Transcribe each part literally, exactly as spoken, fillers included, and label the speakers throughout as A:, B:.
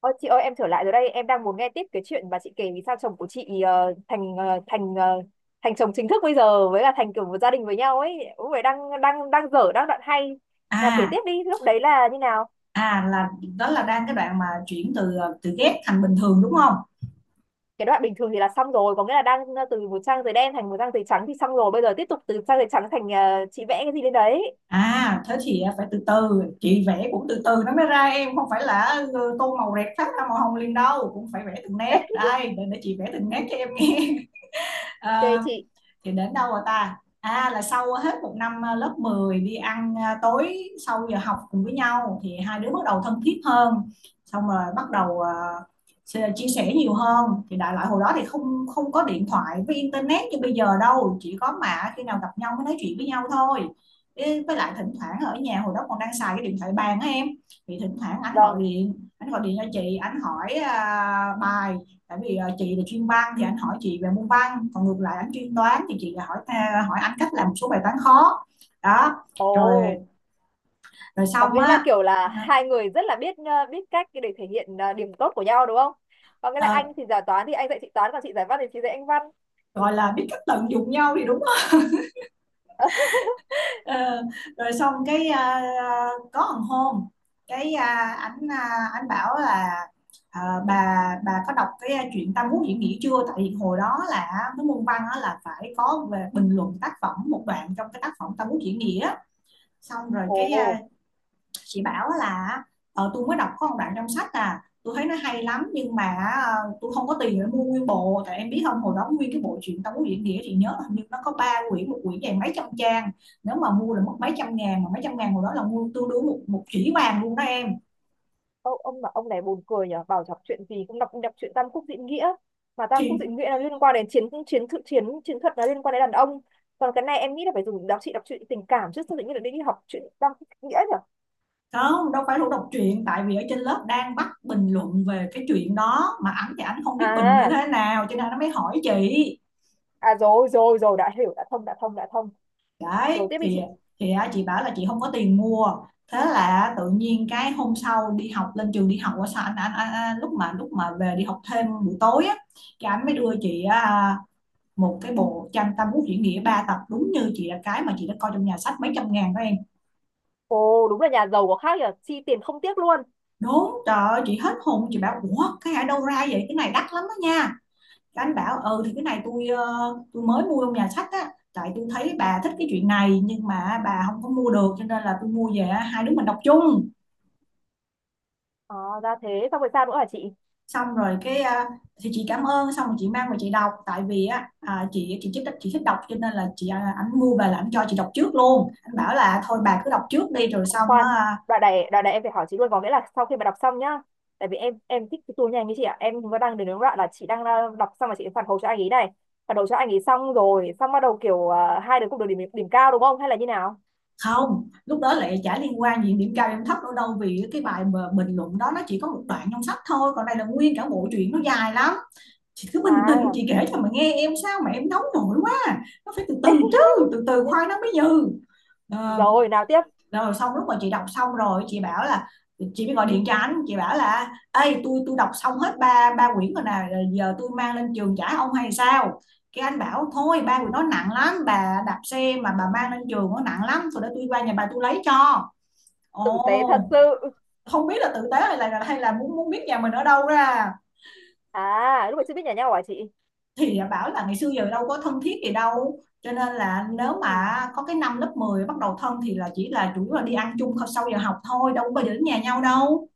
A: Ôi, chị ơi, em trở lại rồi đây. Em đang muốn nghe tiếp cái chuyện mà chị kể. Vì sao chồng của chị ờ, thành ờ, thành ờ, thành chồng chính thức bây giờ, với là thành kiểu một gia đình với nhau ấy. Cũng phải, đang đang đang dở đang đoạn hay, là kể
B: à
A: tiếp đi, lúc đấy là như nào?
B: à là đó là đang cái đoạn mà chuyển từ ờ, từ ghét thành bình thường đúng không?
A: Cái đoạn bình thường thì là xong rồi, có nghĩa là đang ờ, từ một trang giấy đen thành một trang giấy trắng thì xong rồi, bây giờ tiếp tục từ trang giấy trắng thành ờ, chị vẽ cái gì lên đấy.
B: À thế thì ờ, phải từ từ, chị vẽ cũng từ từ nó mới ra, em không phải là ừ, tô màu rẹt phát ra màu hồng liền đâu, cũng phải vẽ từng nét. Đây để, để chị vẽ từng nét cho em nghe.
A: Ok
B: à,
A: chị.
B: thì đến đâu rồi ta? À, là sau hết một năm, à, lớp mười đi ăn, à, tối sau giờ học cùng với nhau thì hai đứa bắt đầu thân thiết hơn. Xong rồi bắt đầu à, chia sẻ nhiều hơn. Thì đại loại hồi đó thì không không có điện thoại với internet như bây giờ đâu, chỉ có mà khi nào gặp nhau mới nói chuyện với nhau thôi. Với lại thỉnh thoảng ở nhà hồi đó còn đang xài cái điện thoại bàn á em. Thì thỉnh thoảng anh gọi
A: Vâng.
B: điện, anh gọi điện cho chị, anh hỏi à, bài. Tại vì ờ, chị là chuyên văn thì anh hỏi chị về môn văn, còn ngược lại anh chuyên toán thì chị lại hỏi tha- hỏi anh cách làm một số bài toán khó. Đó.
A: Ồ,
B: Rồi. Rồi
A: có
B: xong
A: nghĩa là
B: á.
A: kiểu là hai người rất là biết ờ, biết cách để thể hiện ờ, điểm tốt của nhau đúng không? Có nghĩa là
B: ờ,
A: anh thì giải toán thì anh dạy chị toán, còn chị giải văn thì chị dạy anh văn.
B: Gọi là biết cách tận dụng nhau thì đúng không? Ờ, rồi xong cái, ờ, có một hôm, cái ờ, anh, ờ, anh bảo là, ờ, bà bà có đọc cái chuyện Tam Quốc diễn nghĩa chưa? Tại vì hồi đó là cái môn văn là phải có về bình luận tác phẩm một đoạn trong cái tác phẩm Tam Quốc diễn nghĩa. Xong rồi cái,
A: Ồ,
B: à, chị bảo là ờ, tôi mới đọc có một đoạn trong sách, à, tôi thấy nó hay lắm nhưng mà ờ, tôi không có tiền để mua nguyên bộ. Tại em biết không, hồi đó nguyên cái bộ truyện Tống Nguyễn Nghĩa chị nhớ hình như nó có ba quyển, một quyển dày mấy trăm trang, nếu mà mua là mất mấy trăm ngàn, mà mấy trăm ngàn hồi đó là mua tương đương một một chỉ vàng luôn đó em.
A: ông, ông mà ông này buồn cười nhở, bảo đọc chuyện gì cũng đọc đọc chuyện Tam Quốc Diễn Nghĩa, mà Tam Quốc
B: Thì
A: Diễn Nghĩa là liên quan đến chiến chiến thuật, chiến chiến thuật là liên quan đến đàn ông. Còn cái này em nghĩ là phải dùng đọc, chị đọc chuyện tình cảm chứ, sao tự nhiên lại đi đi học chuyện Tam Quốc Diễn Nghĩa nhở?
B: không, đâu phải lúc đọc truyện, tại vì ở trên lớp đang bắt bình luận về cái chuyện đó mà ảnh thì ảnh không biết bình như
A: À,
B: thế nào cho nên nó mới hỏi chị.
A: à rồi rồi rồi, đã hiểu, đã thông đã thông đã thông,
B: Đấy
A: rồi tiếp đi
B: thì,
A: chị.
B: thì á, chị bảo là chị không có tiền mua. Thế là tự nhiên cái hôm sau đi học lên trường, đi học qua sao anh, anh, anh, anh lúc mà lúc mà về đi học thêm buổi tối á, cái anh mới đưa chị, à, một cái bộ tranh Tam Quốc diễn nghĩa ba tập, đúng như chị là cái mà chị đã coi trong nhà sách mấy trăm ngàn đó em.
A: Ồ, đúng là nhà giàu có khác nhở, chi tiền không tiếc luôn.
B: Đúng trời ơi, chị hết hồn, chị bảo ủa cái ở đâu ra vậy, cái này đắt lắm đó nha. Cái anh bảo ừ thì cái này tôi, ờ, tôi mới mua trong nhà sách á, tại tôi thấy bà thích cái chuyện này nhưng mà bà không có mua được cho nên là tôi mua về á, hai đứa mình đọc chung.
A: Ờ, ra thế, xong rồi sao nữa hả chị?
B: Xong rồi cái, à, thì chị cảm ơn, xong rồi chị mang về chị đọc. Tại vì á, à, chị chị thích, chị thích đọc cho nên là chị, à, ảnh mua về là ảnh cho chị đọc trước luôn. Anh bảo là thôi bà cứ đọc trước đi rồi
A: Khoan
B: xong
A: khoan.
B: á, à,
A: Đoạn này, đoạn này em phải hỏi chị luôn, có nghĩa là sau khi mà đọc xong nhá. Tại vì em em thích cái tour nhanh như chị ạ, em vẫn đang đến đúng đoạn là chị đang ờ, đọc xong mà chị phản hồi cho anh ấy này, phản hồi cho anh ấy xong rồi, xong bắt đầu kiểu ờ, hai đứa cũng được điểm điểm cao đúng không, hay là như nào?
B: không lúc đó lại chả liên quan gì điểm cao điểm thấp đâu, đâu vì cái bài mà bình luận đó nó chỉ có một đoạn trong sách thôi còn đây là nguyên cả bộ truyện nó dài lắm. Chị cứ bình tĩnh
A: À.
B: chị kể cho mà nghe, em sao mà em nóng nổi quá. Nó phải từ từ chứ, từ từ khoai nó mới dừ. Ờ,
A: Rồi, nào tiếp.
B: rồi xong lúc mà chị đọc xong rồi chị bảo là, chị mới gọi điện cho anh, chị bảo là ê tôi tôi đọc xong hết ba ba quyển rồi nè, giờ tôi mang lên trường trả ông hay sao. Cái anh bảo thôi ba quyển nó nặng lắm, bà đạp xe mà bà mang lên trường nó nặng lắm, rồi để tôi qua nhà bà tôi lấy cho.
A: Tử tế thật
B: Ồ,
A: sự.
B: không biết là tử tế hay là, hay là muốn muốn biết nhà mình ở đâu ra.
A: À, lúc này chưa biết nhà nhau hả chị?
B: Thì bảo là ngày xưa giờ đâu có thân thiết gì đâu cho nên là nếu mà
A: Ừ.
B: có cái năm lớp mười bắt đầu thân thì là chỉ là chủ yếu là đi ăn chung sau giờ học thôi, đâu có bao giờ đến nhà nhau đâu.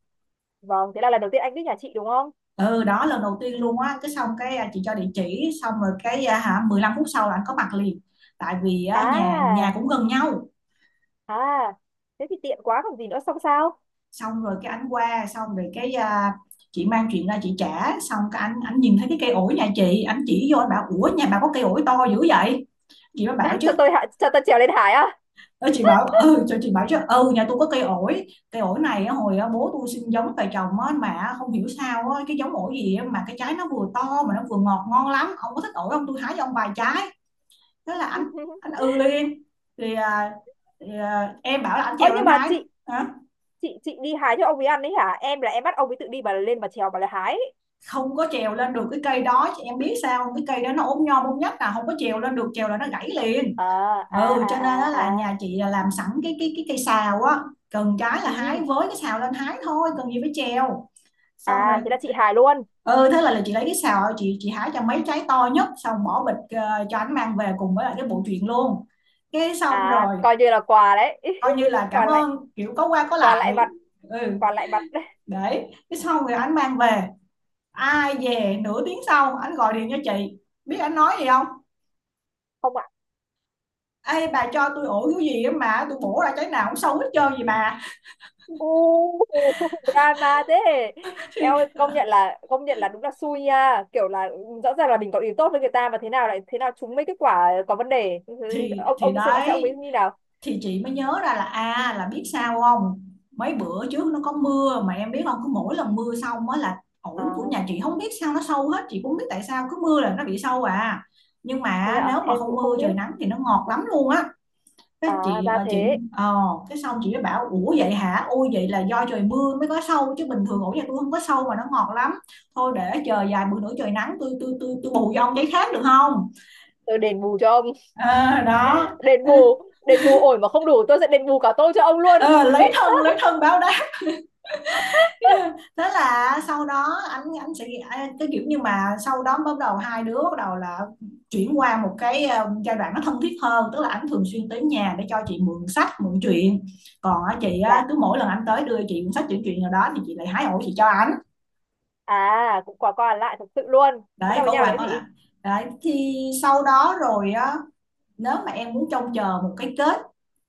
A: Vâng, thế là lần đầu tiên anh biết nhà chị đúng không?
B: Ừ, đó lần đầu tiên luôn á, cái xong cái, à, chị cho địa chỉ xong rồi cái, à, hả, mười lăm phút sau là anh có mặt liền. Tại vì á, nhà nhà
A: À,
B: cũng gần nhau.
A: à, thế thì tiện quá còn gì nữa, xong sao?
B: Xong rồi cái anh qua, xong rồi cái, à, chị mang chuyện ra chị trả, xong cái anh anh nhìn thấy cái cây ổi nhà chị, anh chỉ vô anh bảo ủa nhà bà có cây ổi to dữ vậy. Chị mới bảo
A: À,
B: chứ.
A: cho tôi hạ, cho tôi trèo lên hải á.
B: Ơ, chị bảo ừ cho, chị bảo chứ ừ nhà tôi có cây ổi, cây ổi này á, hồi á, bố tôi xin giống về trồng á, mà không hiểu sao á, cái giống ổi gì á, mà cái trái nó vừa to mà nó vừa ngọt ngon lắm, ông có thích ổi không tôi hái cho ông vài trái. Thế là ảnh ảnh ừ liền. Thì, à, thì à, em bảo là ảnh
A: Ơ
B: trèo
A: nhưng
B: lên
A: mà
B: hái.
A: chị,
B: Hả?
A: chị chị đi hái cho ông ấy ăn đấy hả? Em là em bắt ông ấy tự đi, bà lên bà trèo bà lại hái.
B: Không có trèo lên được cái cây đó chị em biết sao không? Cái cây đó nó ốm nhom ốm nhất là không có trèo lên được, trèo là nó gãy liền.
A: À à
B: Ừ, cho nên
A: à
B: đó là
A: à à.
B: nhà chị là làm sẵn cái cái cái cây sào á. Cần cái là
A: Ừ.
B: hái với cái sào lên hái thôi cần gì phải trèo. Xong rồi.
A: À, thế là chị hài luôn.
B: Ừ thế là, là chị lấy cái sào chị chị hái cho mấy trái to nhất, xong bỏ bịch ờ, cho anh mang về cùng với lại cái bộ truyện luôn. Cái xong
A: À,
B: rồi,
A: coi như là quà đấy.
B: coi như là cảm
A: Quà lại,
B: ơn kiểu có qua có
A: quà lại
B: lại.
A: mặt,
B: Ừ
A: quà lại mặt.
B: đấy, cái sau rồi anh mang về, ai về nửa tiếng sau anh gọi điện cho chị, biết anh nói gì không.
A: Không ạ.
B: Ê bà cho tôi ổ cái gì á mà tôi bổ ra trái nào cũng xấu hết trơn gì bà.
A: U. Drama thế. Em ơi,
B: Thì,
A: công nhận là công nhận là đúng là xui nha. Kiểu là ừ, rõ ràng là mình có ý tốt với người ta mà thế nào lại thế nào chúng mấy cái quả có vấn đề. Thế,
B: thì
A: Ông
B: thì
A: ông ấy xem xem ông ấy
B: đấy,
A: như nào.
B: thì chị mới nhớ ra là, à là biết sao không, mấy bữa trước nó có mưa mà em biết không, cứ mỗi lần mưa xong á là ổn của nhà
A: À
B: chị không biết sao nó sâu hết, chị cũng biết tại sao cứ mưa là nó bị sâu à, nhưng
A: thế
B: mà nếu
A: ạ,
B: mà
A: em
B: không
A: cũng
B: mưa
A: không biết.
B: trời nắng thì nó ngọt lắm luôn á. Cái
A: À,
B: chị,
A: ra
B: à, chị
A: thế.
B: ờ cái xong chị mới bảo ủa vậy hả, ôi vậy là do trời mưa mới có sâu chứ bình thường ổ nhà tôi không có sâu mà nó ngọt lắm, thôi để chờ vài bữa nữa trời nắng tôi, tôi tôi tôi bù vô ông giấy khác được không.
A: Tôi đền bù cho ông.
B: À, đó.
A: Đền bù, đền bù ổi mà không đủ tôi sẽ đền bù cả tôi cho ông luôn.
B: Ờ, lấy thân, lấy thân báo đáp. Thế là sau đó anh, anh sẽ anh- cái kiểu như mà sau đó bắt đầu hai đứa bắt đầu là chuyển qua một cái, ờ, giai đoạn nó thân thiết hơn, tức là anh thường xuyên tới nhà để cho chị mượn sách mượn truyện. Còn á, chị á,
A: Dạ.
B: cứ mỗi lần anh tới đưa chị cuốn sách chuyển truyện nào đó thì chị lại hái ổ chị cho anh.
A: À, cũng quả qua lại thật sự luôn. Thế
B: Đấy
A: sao với
B: có
A: nhau nữa
B: qua có
A: chị?
B: lại. Đấy thì sau đó rồi á, nếu mà em muốn trông chờ một cái kết,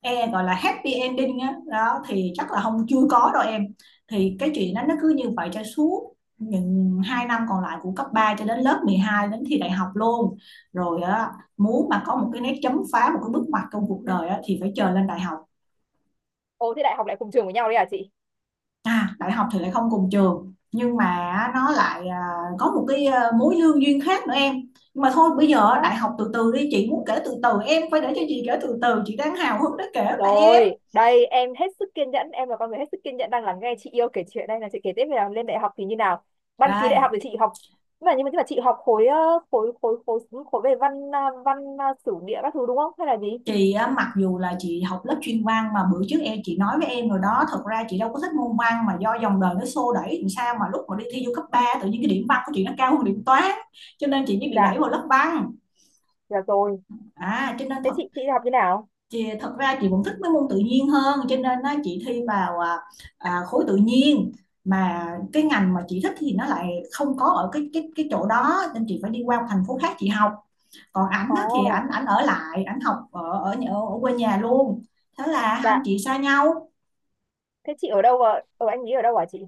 B: e gọi là happy ending á đó thì chắc là không, chưa có đâu em. Thì cái chuyện đó nó cứ như vậy cho suốt những hai năm còn lại của cấp ba cho đến lớp mười hai đến thi đại học luôn. Rồi á, muốn mà có một cái nét chấm phá, một cái bước ngoặt trong cuộc đời á, thì phải chờ lên đại học.
A: Ồ, thế đại học lại cùng trường với nhau đấy à chị?
B: À, đại học thì lại không cùng trường, nhưng mà nó lại, à, có một cái, à, mối lương duyên khác nữa em. Nhưng mà thôi bây giờ
A: Thế.
B: đại học từ từ đi, chị muốn kể từ từ, em phải để cho chị kể từ từ, chị đang hào hứng để kể mà em.
A: Rồi, đây em hết sức kiên nhẫn, em là con người hết sức kiên nhẫn, đang lắng nghe chị yêu kể chuyện. Đây là chị kể tiếp về là lên đại học thì như nào? Đăng ký đại học
B: Rồi,
A: thì chị học, nhưng mà nhưng mà, nhưng mà chị học khối ờ, khối khối khối khối về văn à, văn à, sử địa các thứ đúng không, hay là gì?
B: chị á, mặc dù là chị học lớp chuyên văn mà bữa trước em, chị nói với em rồi đó, thật ra chị đâu có thích môn văn mà do dòng đời nó xô đẩy làm sao mà lúc mà đi thi vô cấp ba tự nhiên cái điểm văn của chị nó cao hơn điểm toán, cho nên chị mới bị đẩy
A: Dạ,
B: vào lớp văn.
A: dạ rồi.
B: À, cho nên
A: Thế
B: thật
A: chị chị học như nào?
B: chị thật ra chị vẫn thích mấy môn tự nhiên hơn, cho nên á, chị thi vào à, à, khối tự nhiên, mà cái ngành mà chị thích thì nó lại không có ở cái cái cái chỗ đó, nên chị phải đi qua một thành phố khác chị học. Còn ảnh á, thì ảnh
A: Ồ,
B: ảnh ở lại, ảnh học ở ở nhà- ở quê nhà luôn. Thế là hai anh
A: dạ.
B: chị xa nhau.
A: Thế chị ở đâu, ở, ở anh ấy ở đâu hả chị?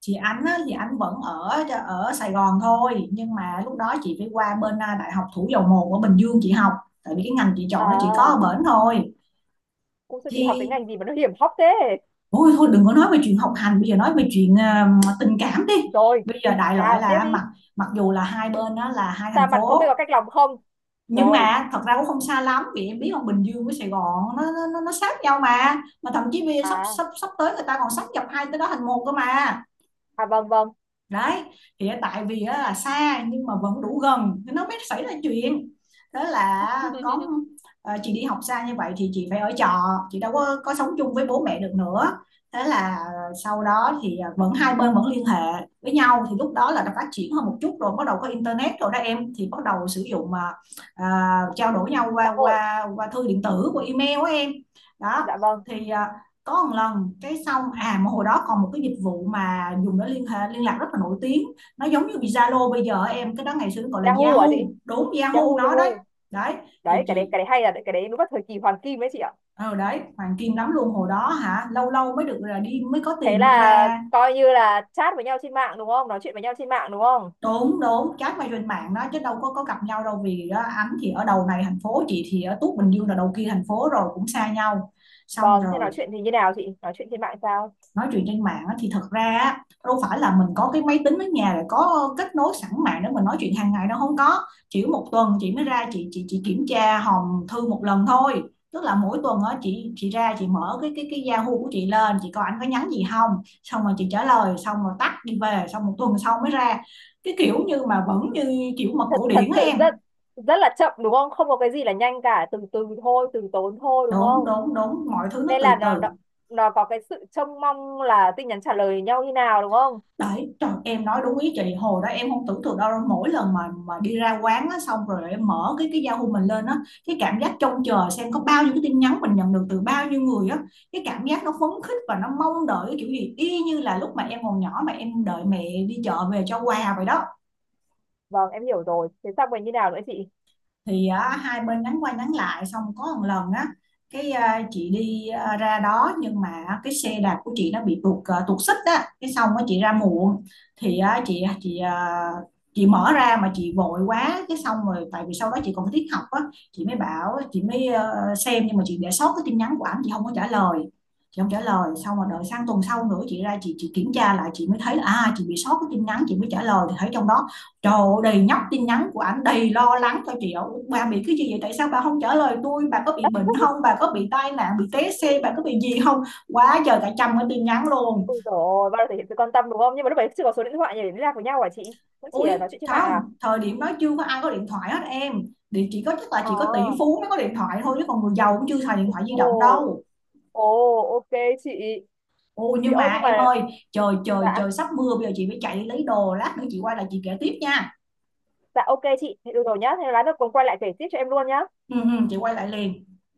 B: Chị, ảnh á, thì ảnh vẫn ở ở Sài Gòn thôi, nhưng mà lúc đó chị phải qua bên à, Đại học Thủ Dầu Một ở Bình Dương chị học, tại vì cái ngành chị chọn nó chỉ có ở
A: À,
B: bển thôi.
A: cũng sao chị học cái
B: Thì
A: ngành gì mà nó hiểm hóc thế?
B: ôi thôi, đừng có nói về chuyện học hành, bây giờ nói về chuyện à, tình cảm đi.
A: Rồi,
B: Bây giờ đại loại
A: nào tiếp
B: là
A: đi.
B: mặc mặc dù là hai bên đó là hai
A: Xa
B: thành
A: mặt không biết
B: phố,
A: có cách lòng không?
B: nhưng
A: Rồi,
B: mà thật ra cũng không xa lắm, vì em biết là Bình Dương với Sài Gòn nó nó nó, nó sát nhau mà mà thậm chí bây giờ sắp
A: à,
B: sắp sắp tới người ta còn sáp nhập hai tới đó thành một cơ mà.
A: à vâng vâng.
B: Đấy, thì tại vì là xa nhưng mà vẫn đủ gần thì nó mới xảy ra chuyện. Đó là có, ờ, chị đi học xa như vậy thì chị phải ở trọ, chị đâu có có sống chung với bố mẹ được nữa. Thế là sau đó thì ờ, vẫn hai bên vẫn liên hệ với nhau, thì lúc đó là đã phát triển hơn một chút rồi, bắt đầu có internet rồi đó em, thì bắt đầu sử dụng mà, à, trao đổi nhau
A: Xã
B: qua
A: hội.
B: qua qua thư điện tử, qua email của em đó.
A: Dạ vâng.
B: Thì uh, có một lần cái xong, à mà hồi đó còn một cái dịch vụ mà dùng để liên hệ liên lạc rất là nổi tiếng, nó giống như Zalo bây giờ em, cái đó ngày xưa nó gọi là
A: Yahoo
B: Yahoo.
A: hả chị?
B: Đúng, Yahoo
A: Yahoo,
B: nó đấy.
A: Yahoo.
B: Đấy, thì
A: Đấy, cái đấy,
B: chị,
A: cái đấy hay là cái đấy đúng là thời kỳ hoàng kim đấy chị ạ.
B: ờ đấy, hoàng kim lắm luôn hồi đó hả, lâu lâu mới được là đi, mới có
A: Thế
B: tiền đi
A: là
B: ra.
A: coi như là chat với nhau trên mạng đúng không? Nói chuyện với nhau trên mạng đúng không?
B: Đúng, đúng, chat qua trên mạng đó, chứ đâu có có gặp nhau đâu, vì á, anh thì ở đầu này thành phố, chị thì ở Tuốt Bình Dương là đầu kia thành phố rồi, cũng xa nhau. Xong
A: Vâng, thế
B: rồi
A: nói chuyện thì như nào chị? Nói chuyện trên mạng sao?
B: nói chuyện trên mạng thì thật ra á, đâu phải là mình có cái máy tính ở nhà rồi có kết nối sẵn mạng để mình nói chuyện hàng ngày đâu, không có, chỉ một tuần chị mới ra chị chị chị kiểm tra hòm thư một lần thôi. Tức là mỗi tuần á, chị chị ra chị mở cái cái cái Yahoo của chị lên, chị coi anh có nhắn gì không, xong rồi chị trả lời, xong rồi tắt đi về, xong một tuần sau mới ra. Cái kiểu như mà vẫn như kiểu mật cổ
A: Thật
B: điển á
A: sự
B: em.
A: rất rất là chậm đúng không? Không có cái gì là nhanh cả, từ từ thôi, từ tốn thôi đúng
B: Đúng,
A: không?
B: đúng, đúng, mọi thứ nó
A: Nên là
B: từ
A: nó, nó
B: từ.
A: nó có cái sự trông mong là tin nhắn trả lời nhau như nào đúng không?
B: Đấy, trời, em nói đúng ý chị, hồi đó em không tưởng tượng đâu, mỗi lần mà mà đi ra quán á, xong rồi em mở cái cái Yahoo mình lên á, cái cảm giác trông chờ xem có bao nhiêu cái tin nhắn mình nhận được từ bao nhiêu người á, cái cảm giác nó phấn khích và nó mong đợi cái kiểu gì y như là lúc mà em còn nhỏ mà em đợi mẹ đi chợ về cho quà vậy đó.
A: Vâng, em hiểu rồi. Thế xong rồi như nào nữa chị?
B: Thì á, hai bên nhắn qua nhắn lại, xong có một lần á, cái à, chị đi à, ra đó nhưng mà cái xe đạp của chị nó bị tuột à, tuột xích á, cái xong á chị ra muộn. Thì á, chị chị à, chị mở ra mà chị vội quá, cái xong rồi tại vì sau đó chị còn phải tiết học á, chị mới bảo chị mới ờ, xem, nhưng mà chị để sót cái tin nhắn của ảnh, chị không có trả lời. Chị không trả lời, xong rồi đợi sang tuần sau nữa chị ra chị chị kiểm tra lại, chị mới thấy là à chị bị sót cái tin nhắn, chị mới trả lời thì thấy trong đó. Trời, đầy nhóc tin nhắn của ảnh, đầy lo lắng cho chị ạ. Bà bị cái gì vậy? Tại sao bà không trả lời tôi? Bà có bị bệnh không? Bà có bị tai nạn, bị té xe, bà có bị gì không? Quá trời, cả trăm cái tin nhắn luôn.
A: Ôi trời ơi, bao giờ thể hiện sự quan tâm đúng không, nhưng mà lúc đấy chưa có số điện thoại để liên lạc với nhau hả chị, cũng chỉ
B: Ui,
A: là nói chuyện trên mạng à.
B: không, thời điểm đó chưa có ai có điện thoại hết em. Thì chỉ có chắc là
A: Ờ.
B: chỉ có tỷ phú mới có điện thoại thôi, chứ còn người giàu cũng chưa xài điện thoại di động
A: Ồ.
B: đâu.
A: Ồ. Ok chị.
B: Ôi
A: Chị
B: nhưng
A: ơi
B: mà
A: nhưng mà
B: em ơi, trời
A: dạ,
B: trời trời, sắp mưa bây giờ chị phải chạy lấy đồ, lát nữa chị quay lại chị kể tiếp nha.
A: dạ ok chị. Thế được rồi nhá, thế lát nữa cùng quay lại kể tiếp cho em luôn nhá.
B: Ừ, ừ, chị quay lại liền.